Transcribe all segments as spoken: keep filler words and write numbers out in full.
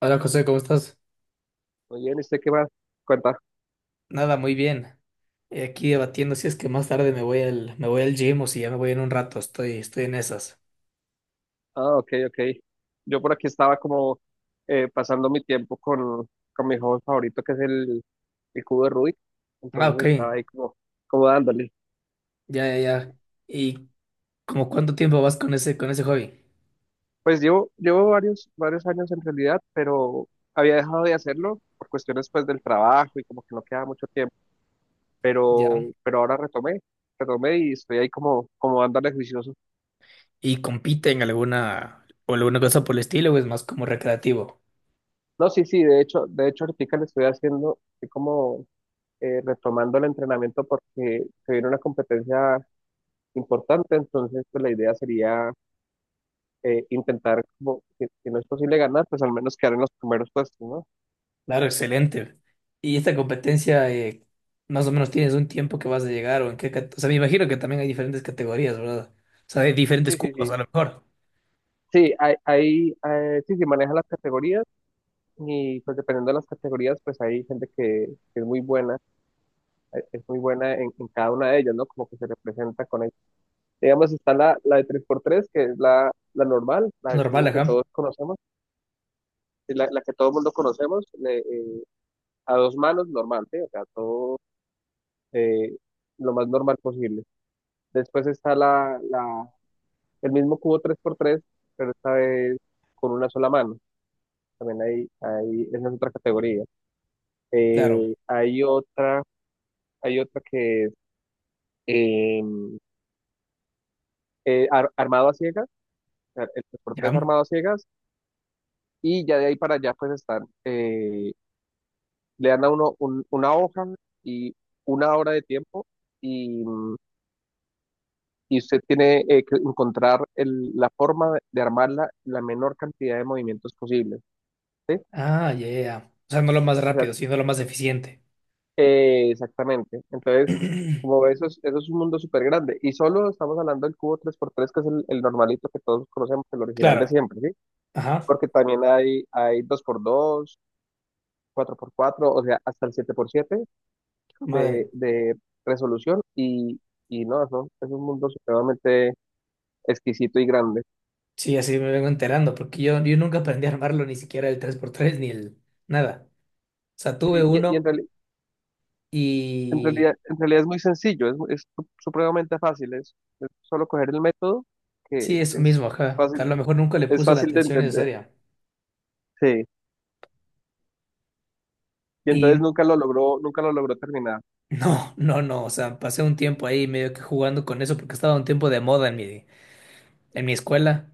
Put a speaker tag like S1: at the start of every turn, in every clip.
S1: Hola José, ¿cómo estás?
S2: Muy bien, ¿y usted qué más cuenta?
S1: Nada, muy bien. Eh, Aquí debatiendo si es que más tarde me voy al, me voy al gym o si ya me voy en un rato. Estoy, estoy en esas.
S2: Ah, ok, ok. Yo por aquí estaba como eh, pasando mi tiempo con, con mi juego favorito, que es el, el cubo de Rubik.
S1: Ah, ok.
S2: Entonces estaba ahí como, como dándole.
S1: Ya, ya, ya. ¿Y como cuánto tiempo vas con ese, con ese hobby?
S2: Pues llevo, llevo varios, varios años en realidad, pero había dejado de hacerlo por cuestiones pues del trabajo y como que no quedaba mucho tiempo.
S1: Ya.
S2: Pero, pero ahora retomé, retomé y estoy ahí como, como dándole juicioso.
S1: ¿Y compite en alguna, o alguna cosa por el estilo o es más como recreativo?
S2: No, sí, sí, de hecho, de hecho ahorita le estoy haciendo, estoy como eh, retomando el entrenamiento porque se viene una competencia importante, entonces pues la idea sería eh, intentar, como, si, si no es posible ganar, pues al menos quedar en los primeros puestos, ¿no?
S1: Claro, excelente. ¿Y esta competencia, eh, más o menos tienes un tiempo que vas a llegar o en qué, cate- o sea, me imagino que también hay diferentes categorías, ¿verdad? O sea, hay diferentes
S2: Sí, sí,
S1: cupos a
S2: sí.
S1: lo mejor.
S2: Sí, hay, hay, eh, sí, sí, maneja las categorías y pues dependiendo de las categorías, pues hay gente que, que es muy buena, eh, es muy buena en, en cada una de ellas, ¿no? Como que se representa con ella. Digamos, está la, la de tres por tres que es la, la normal, la del
S1: Normal,
S2: cubo que
S1: ajá.
S2: todos conocemos, y la, la que todo el mundo conocemos, le- eh, a dos manos normal, ¿sí? O sea, todo eh, lo más normal posible. Después está la, la, el mismo cubo tres por tres, pero esta vez con una sola mano. También hay, hay, esa es otra categoría.
S1: Claro,
S2: Eh, hay otra, hay otra que es eh, eh, ar- armado a ciegas, o sea, el tres por tres
S1: ya.
S2: armado a ciegas, y ya de ahí para allá pues están, eh, le dan a uno un- una hoja y una hora de tiempo y, mm, y usted tiene eh, que encontrar el- la forma de armarla la menor cantidad de movimientos posibles, ¿sí?
S1: Ah, yeah. O sea, no lo más
S2: O sea,
S1: rápido, sino lo más eficiente.
S2: eh, exactamente. Entonces, como eso es, eso es un mundo súper grande. Y solo estamos hablando del cubo tres por tres que es el, el normalito que todos conocemos, el original de
S1: Claro.
S2: siempre, ¿sí?
S1: Ajá.
S2: Porque también hay, hay dos por dos, cuatro por cuatro, o sea, hasta el siete por siete de,
S1: Madre.
S2: de resolución. Y, y no, eso es un mundo supremamente exquisito y grande.
S1: Sí, así me vengo enterando, porque yo, yo nunca aprendí a armarlo, ni siquiera el tres por tres ni el nada. O sea,
S2: Y,
S1: tuve
S2: y- y en
S1: uno
S2: reali- En
S1: y
S2: realidad, en realidad es muy sencillo, es, es su- supremamente fácil, es, es solo coger el método que
S1: sí, eso
S2: es
S1: mismo, ajá. A
S2: fácil,
S1: lo mejor nunca le
S2: es
S1: puse la
S2: fácil de
S1: atención
S2: entender.
S1: necesaria.
S2: Sí. Y entonces
S1: Y
S2: nunca lo logró, nunca lo logró terminar.
S1: no, no, no. O sea, pasé un tiempo ahí medio que jugando con eso, porque estaba un tiempo de moda en mi, en mi escuela.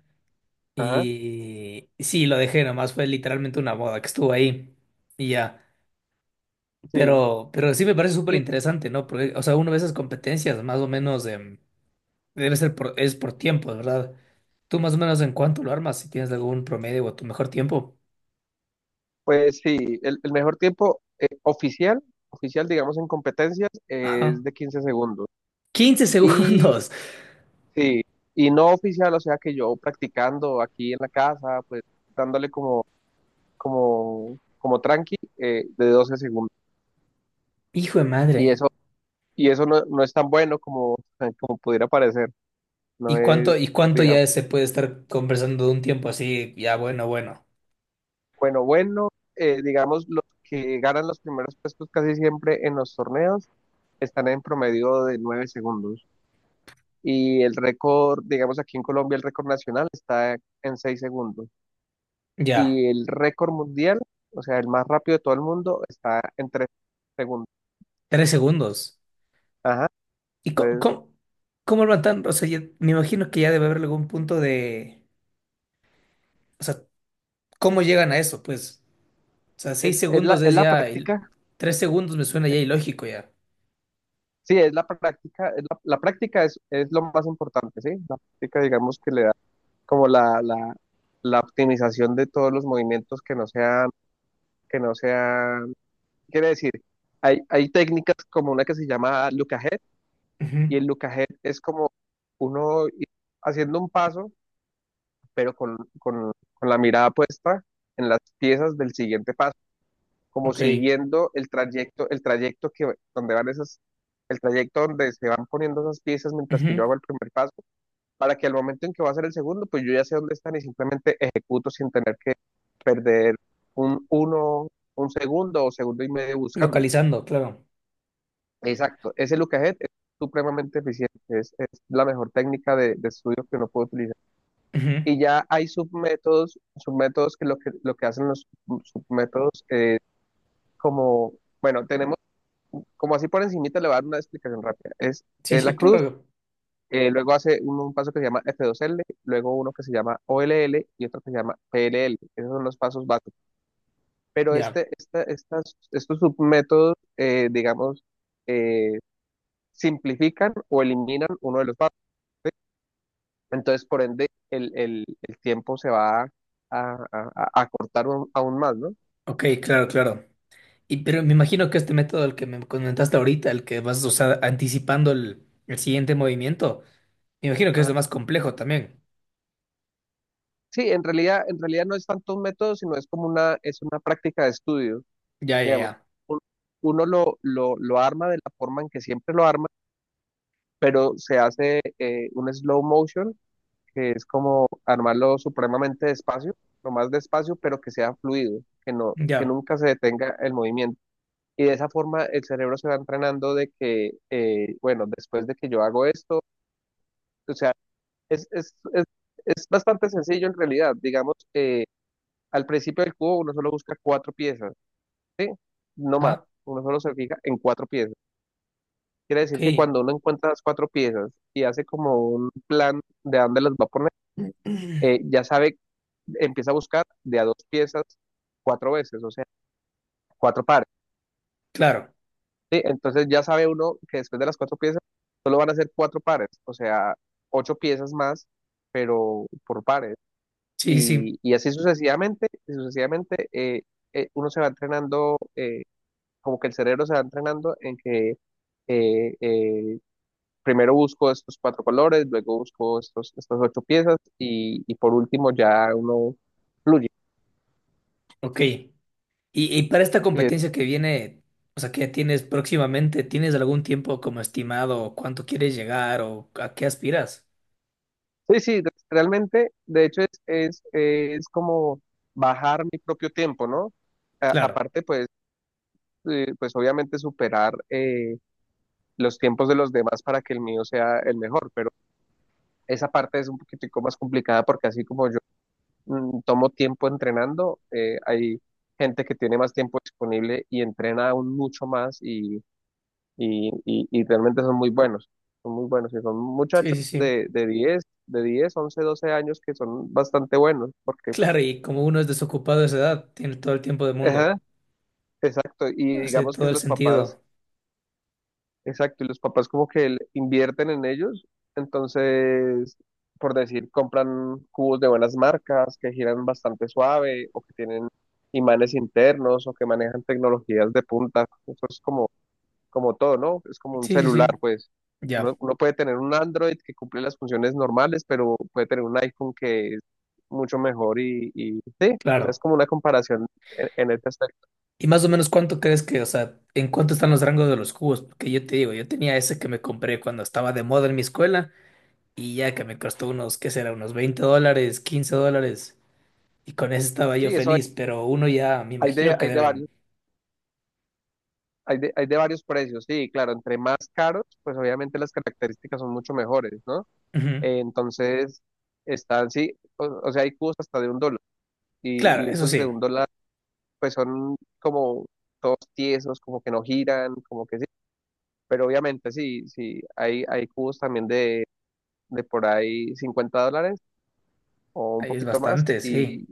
S2: Ajá,
S1: Y sí, lo dejé, nomás fue literalmente una moda que estuvo ahí. Y ya.
S2: sí.
S1: Pero, pero sí me parece súper
S2: Y
S1: interesante, ¿no? Porque, o sea, uno ve esas competencias más o menos em, debe ser por, es por tiempo, ¿verdad? Tú más o menos en cuánto lo armas, si tienes algún promedio o tu mejor tiempo.
S2: pues sí, el, el mejor tiempo eh, oficial, oficial digamos en competencias, es
S1: Ajá.
S2: de quince segundos.
S1: Quince
S2: Y
S1: segundos.
S2: sí, y no oficial, o sea que yo practicando aquí en la casa, pues dándole como, como, como tranqui eh, de doce segundos.
S1: Hijo de
S2: Y
S1: madre.
S2: eso, y eso no, no es tan bueno como, como pudiera parecer. No
S1: ¿Y
S2: es,
S1: cuánto, y cuánto
S2: digamos,
S1: ya se puede estar conversando de un tiempo así? Ya, bueno, bueno.
S2: bueno, bueno, eh, digamos, los que ganan los primeros puestos casi siempre en los torneos están en promedio de nueve segundos. Y el récord, digamos, aquí en Colombia el récord nacional está en seis segundos.
S1: Ya.
S2: Y el récord mundial, o sea, el más rápido de todo el mundo, está en tres segundos.
S1: Tres segundos.
S2: Ajá,
S1: ¿Y co-
S2: entonces
S1: cómo, cómo, lo matan? O sea, ya me imagino que ya debe haber algún punto de. O sea, ¿cómo llegan a eso? Pues. O sea, seis
S2: es, es la,
S1: segundos
S2: es
S1: es
S2: la
S1: ya. il-
S2: práctica.
S1: Tres segundos me suena ya ilógico ya.
S2: Sí, es la práctica, es la, la práctica es, es lo más importante, ¿sí? La práctica, digamos, que le da como la, la, la optimización de todos los movimientos que no sean, que no sean, quiere decir, hay, hay técnicas como una que se llama look ahead,
S1: Ujú.
S2: y el look ahead es como uno ir haciendo un paso, pero con, con, con la mirada puesta en las piezas del siguiente paso, como
S1: Ok.
S2: siguiendo el trayecto, el trayecto que, donde van esas, el trayecto donde se van poniendo esas piezas mientras que yo
S1: Ujú.
S2: hago el primer paso, para que al momento en que va a ser el segundo, pues yo ya sé dónde están y simplemente ejecuto sin tener que perder un uno, un segundo o segundo y medio buscándolo.
S1: Localizando, claro.
S2: Exacto, ese look ahead es supremamente eficiente, es, es la mejor técnica de, de estudio que uno puede utilizar.
S1: Ujú.
S2: Y ya hay submétodos, submétodos que lo que, lo que hacen los sub- submétodos es como, bueno, tenemos, como así por encimita le voy a dar una explicación rápida, es,
S1: Sí,
S2: es la
S1: sí,
S2: cruz.
S1: claro.
S2: Eh, luego hace un, un paso que se llama F dos L, luego uno que se llama O L L y otro que se llama P L L. Esos son los pasos básicos. Pero
S1: Ya.
S2: este, esta- estas, estos submétodos, eh, digamos, simplifican o eliminan uno de los pasos. Entonces, por ende, el, el- el tiempo se va a, a- a- a acortar un- aún más, ¿no?
S1: Ok, claro, claro. Y pero me imagino que este método, el que me comentaste ahorita, el que vas a usar anticipando el, el siguiente movimiento, me imagino que es
S2: Ah,
S1: lo más complejo también.
S2: sí, en realidad, en realidad no es tanto un método, sino es como una, es una práctica de estudio,
S1: Ya, ya,
S2: digamos.
S1: ya.
S2: Un- Uno lo, lo, lo arma de la forma en que siempre lo arma pero se hace eh, un slow motion, que es como armarlo supremamente despacio, lo más despacio, pero que sea fluido, que no, que
S1: Ya.
S2: nunca se detenga el movimiento. Y de esa forma el cerebro se va entrenando de que, eh, bueno, después de que yo hago esto, o sea, es, es, es, es bastante sencillo en realidad. Digamos que al principio del cubo uno solo busca cuatro piezas, ¿sí? No más,
S1: Ah,
S2: uno solo se fija en cuatro piezas. Quiere
S1: ok.
S2: decir que cuando uno encuentra las cuatro piezas y hace como un plan de a dónde las va a poner, eh, ya sabe, empieza a buscar de a dos piezas cuatro veces, o sea, cuatro pares.
S1: Claro.
S2: ¿Sí? Entonces ya sabe uno que después de las cuatro piezas solo van a ser cuatro pares, o sea, ocho piezas más, pero por pares.
S1: Sí, sí.
S2: Y, y así sucesivamente, y sucesivamente eh, eh, uno se va entrenando, eh, como que el cerebro se va entrenando en que eh, eh, primero busco estos cuatro colores, luego busco estos, estas ocho piezas y, y por último ya uno fluye.
S1: Ok. Y, y para esta
S2: Y
S1: competencia que viene, o sea, que tienes próximamente, ¿tienes algún tiempo como estimado cuánto quieres llegar o a qué aspiras?
S2: sí, sí, re- realmente, de hecho, es, es, es como bajar mi propio tiempo, ¿no? A-
S1: Claro,
S2: aparte, pues, eh, pues obviamente superar eh, los tiempos de los demás para que el mío sea el mejor, pero esa parte es un poquitico más complicada porque así como yo mm, tomo tiempo entrenando, eh, hay gente que tiene más tiempo disponible y entrena aún mucho más y y, y, y realmente son muy buenos, son muy buenos y son
S1: sí, sí,
S2: muchachos
S1: sí.
S2: de, de diez, de diez, once, doce años que son bastante buenos, porque,
S1: Claro, y como uno es desocupado a esa edad, tiene todo el tiempo del mundo.
S2: ajá, exacto, y
S1: Hace
S2: digamos que
S1: todo el
S2: los papás,
S1: sentido.
S2: exacto, y los papás como que le invierten en ellos, entonces, por decir, compran cubos de buenas marcas que giran bastante suave o que tienen imanes internos o que manejan tecnologías de punta, eso es como como todo, ¿no? Es como un
S1: Sí, sí,
S2: celular,
S1: sí.
S2: pues.
S1: Ya,
S2: Uno, uno puede tener un Android que cumple las funciones normales, pero puede tener un iPhone que es mucho mejor y, y sí, o sea, es
S1: claro.
S2: como una comparación en, en este aspecto.
S1: ¿Y más o menos cuánto crees que, o sea, en cuánto están los rangos de los cubos? Porque yo te digo, yo tenía ese que me compré cuando estaba de moda en mi escuela y ya que me costó unos, ¿qué será? Unos veinte dólares, quince dólares. Y con eso estaba
S2: Sí,
S1: yo
S2: eso hay,
S1: feliz, pero uno ya, me
S2: hay de,
S1: imagino que
S2: hay de
S1: deben.
S2: varios, hay de, hay de varios precios, sí, claro, entre más caros, pues obviamente las características son mucho mejores, ¿no?
S1: Ujú.
S2: Eh, entonces, están, sí, o, o sea, hay cubos hasta de un dólar y, y
S1: Claro, eso
S2: esos de
S1: sí,
S2: un dólar, pues son como todos tiesos, como que no giran, como que pero obviamente sí, sí, hay, hay cubos también de, de por ahí cincuenta dólares o un
S1: ahí es
S2: poquito más.
S1: bastante,
S2: Y
S1: sí.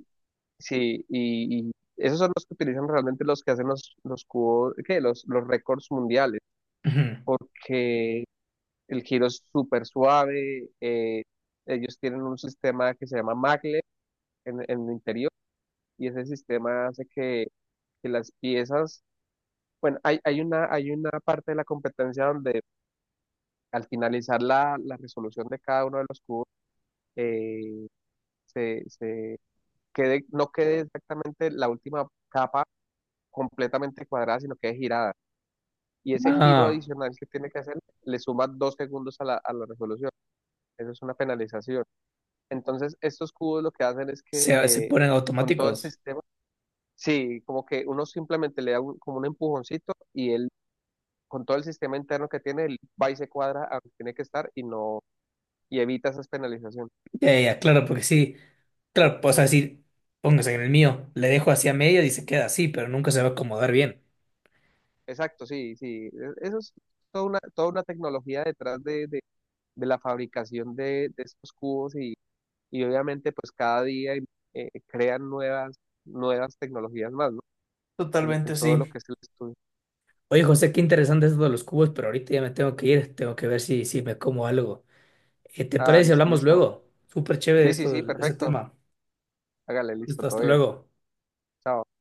S2: sí, y, y esos son los que utilizan realmente los que hacen los, los cubos, ¿qué? Los, los récords mundiales,
S1: Ujú.
S2: porque el giro es súper suave. Eh, ellos tienen un sistema que se llama Maglev en, en el interior y ese sistema hace que, que las piezas, bueno, hay, hay una, hay una parte de la competencia donde al finalizar la, la resolución de cada uno de los cubos, eh, se, se quede, no quede exactamente la última capa completamente cuadrada, sino que es girada. Y ese giro
S1: Ah,
S2: adicional que tiene que hacer le suma dos segundos a la, a la resolución. Eso es una penalización. Entonces, estos cubos lo que hacen es que
S1: se, se
S2: eh,
S1: ponen
S2: con todo el
S1: automáticos.
S2: sistema, sí, como que uno simplemente le da un- como un empujoncito y él, con todo el sistema interno que tiene, él va y se cuadra a donde tiene que estar y no, y evita esas penalizaciones.
S1: Ya, ya, ya, claro, porque sí. Claro, pues decir, póngase en el mío, le dejo así a media y se queda así, pero nunca se va a acomodar bien.
S2: Exacto, sí, sí. e- Eso es toda una, toda una tecnología detrás de, de- de la fabricación de, de estos cubos y, y obviamente pues cada día eh, crean nuevas, nuevas tecnologías más, ¿no? En, en
S1: Totalmente
S2: todo lo que
S1: sí.
S2: es el estudio.
S1: Oye, José, qué interesante esto de los cubos, pero ahorita ya me tengo que ir, tengo que ver si, si me como algo. Eh, ¿te
S2: Ah,
S1: parece si
S2: listo,
S1: hablamos
S2: listo.
S1: luego? Súper chévere
S2: Sí, sí,
S1: esto,
S2: sí,
S1: del- ese
S2: perfecto.
S1: tema.
S2: Hágale, listo,
S1: Listo,
S2: todo
S1: hasta
S2: bien.
S1: luego.
S2: Chao.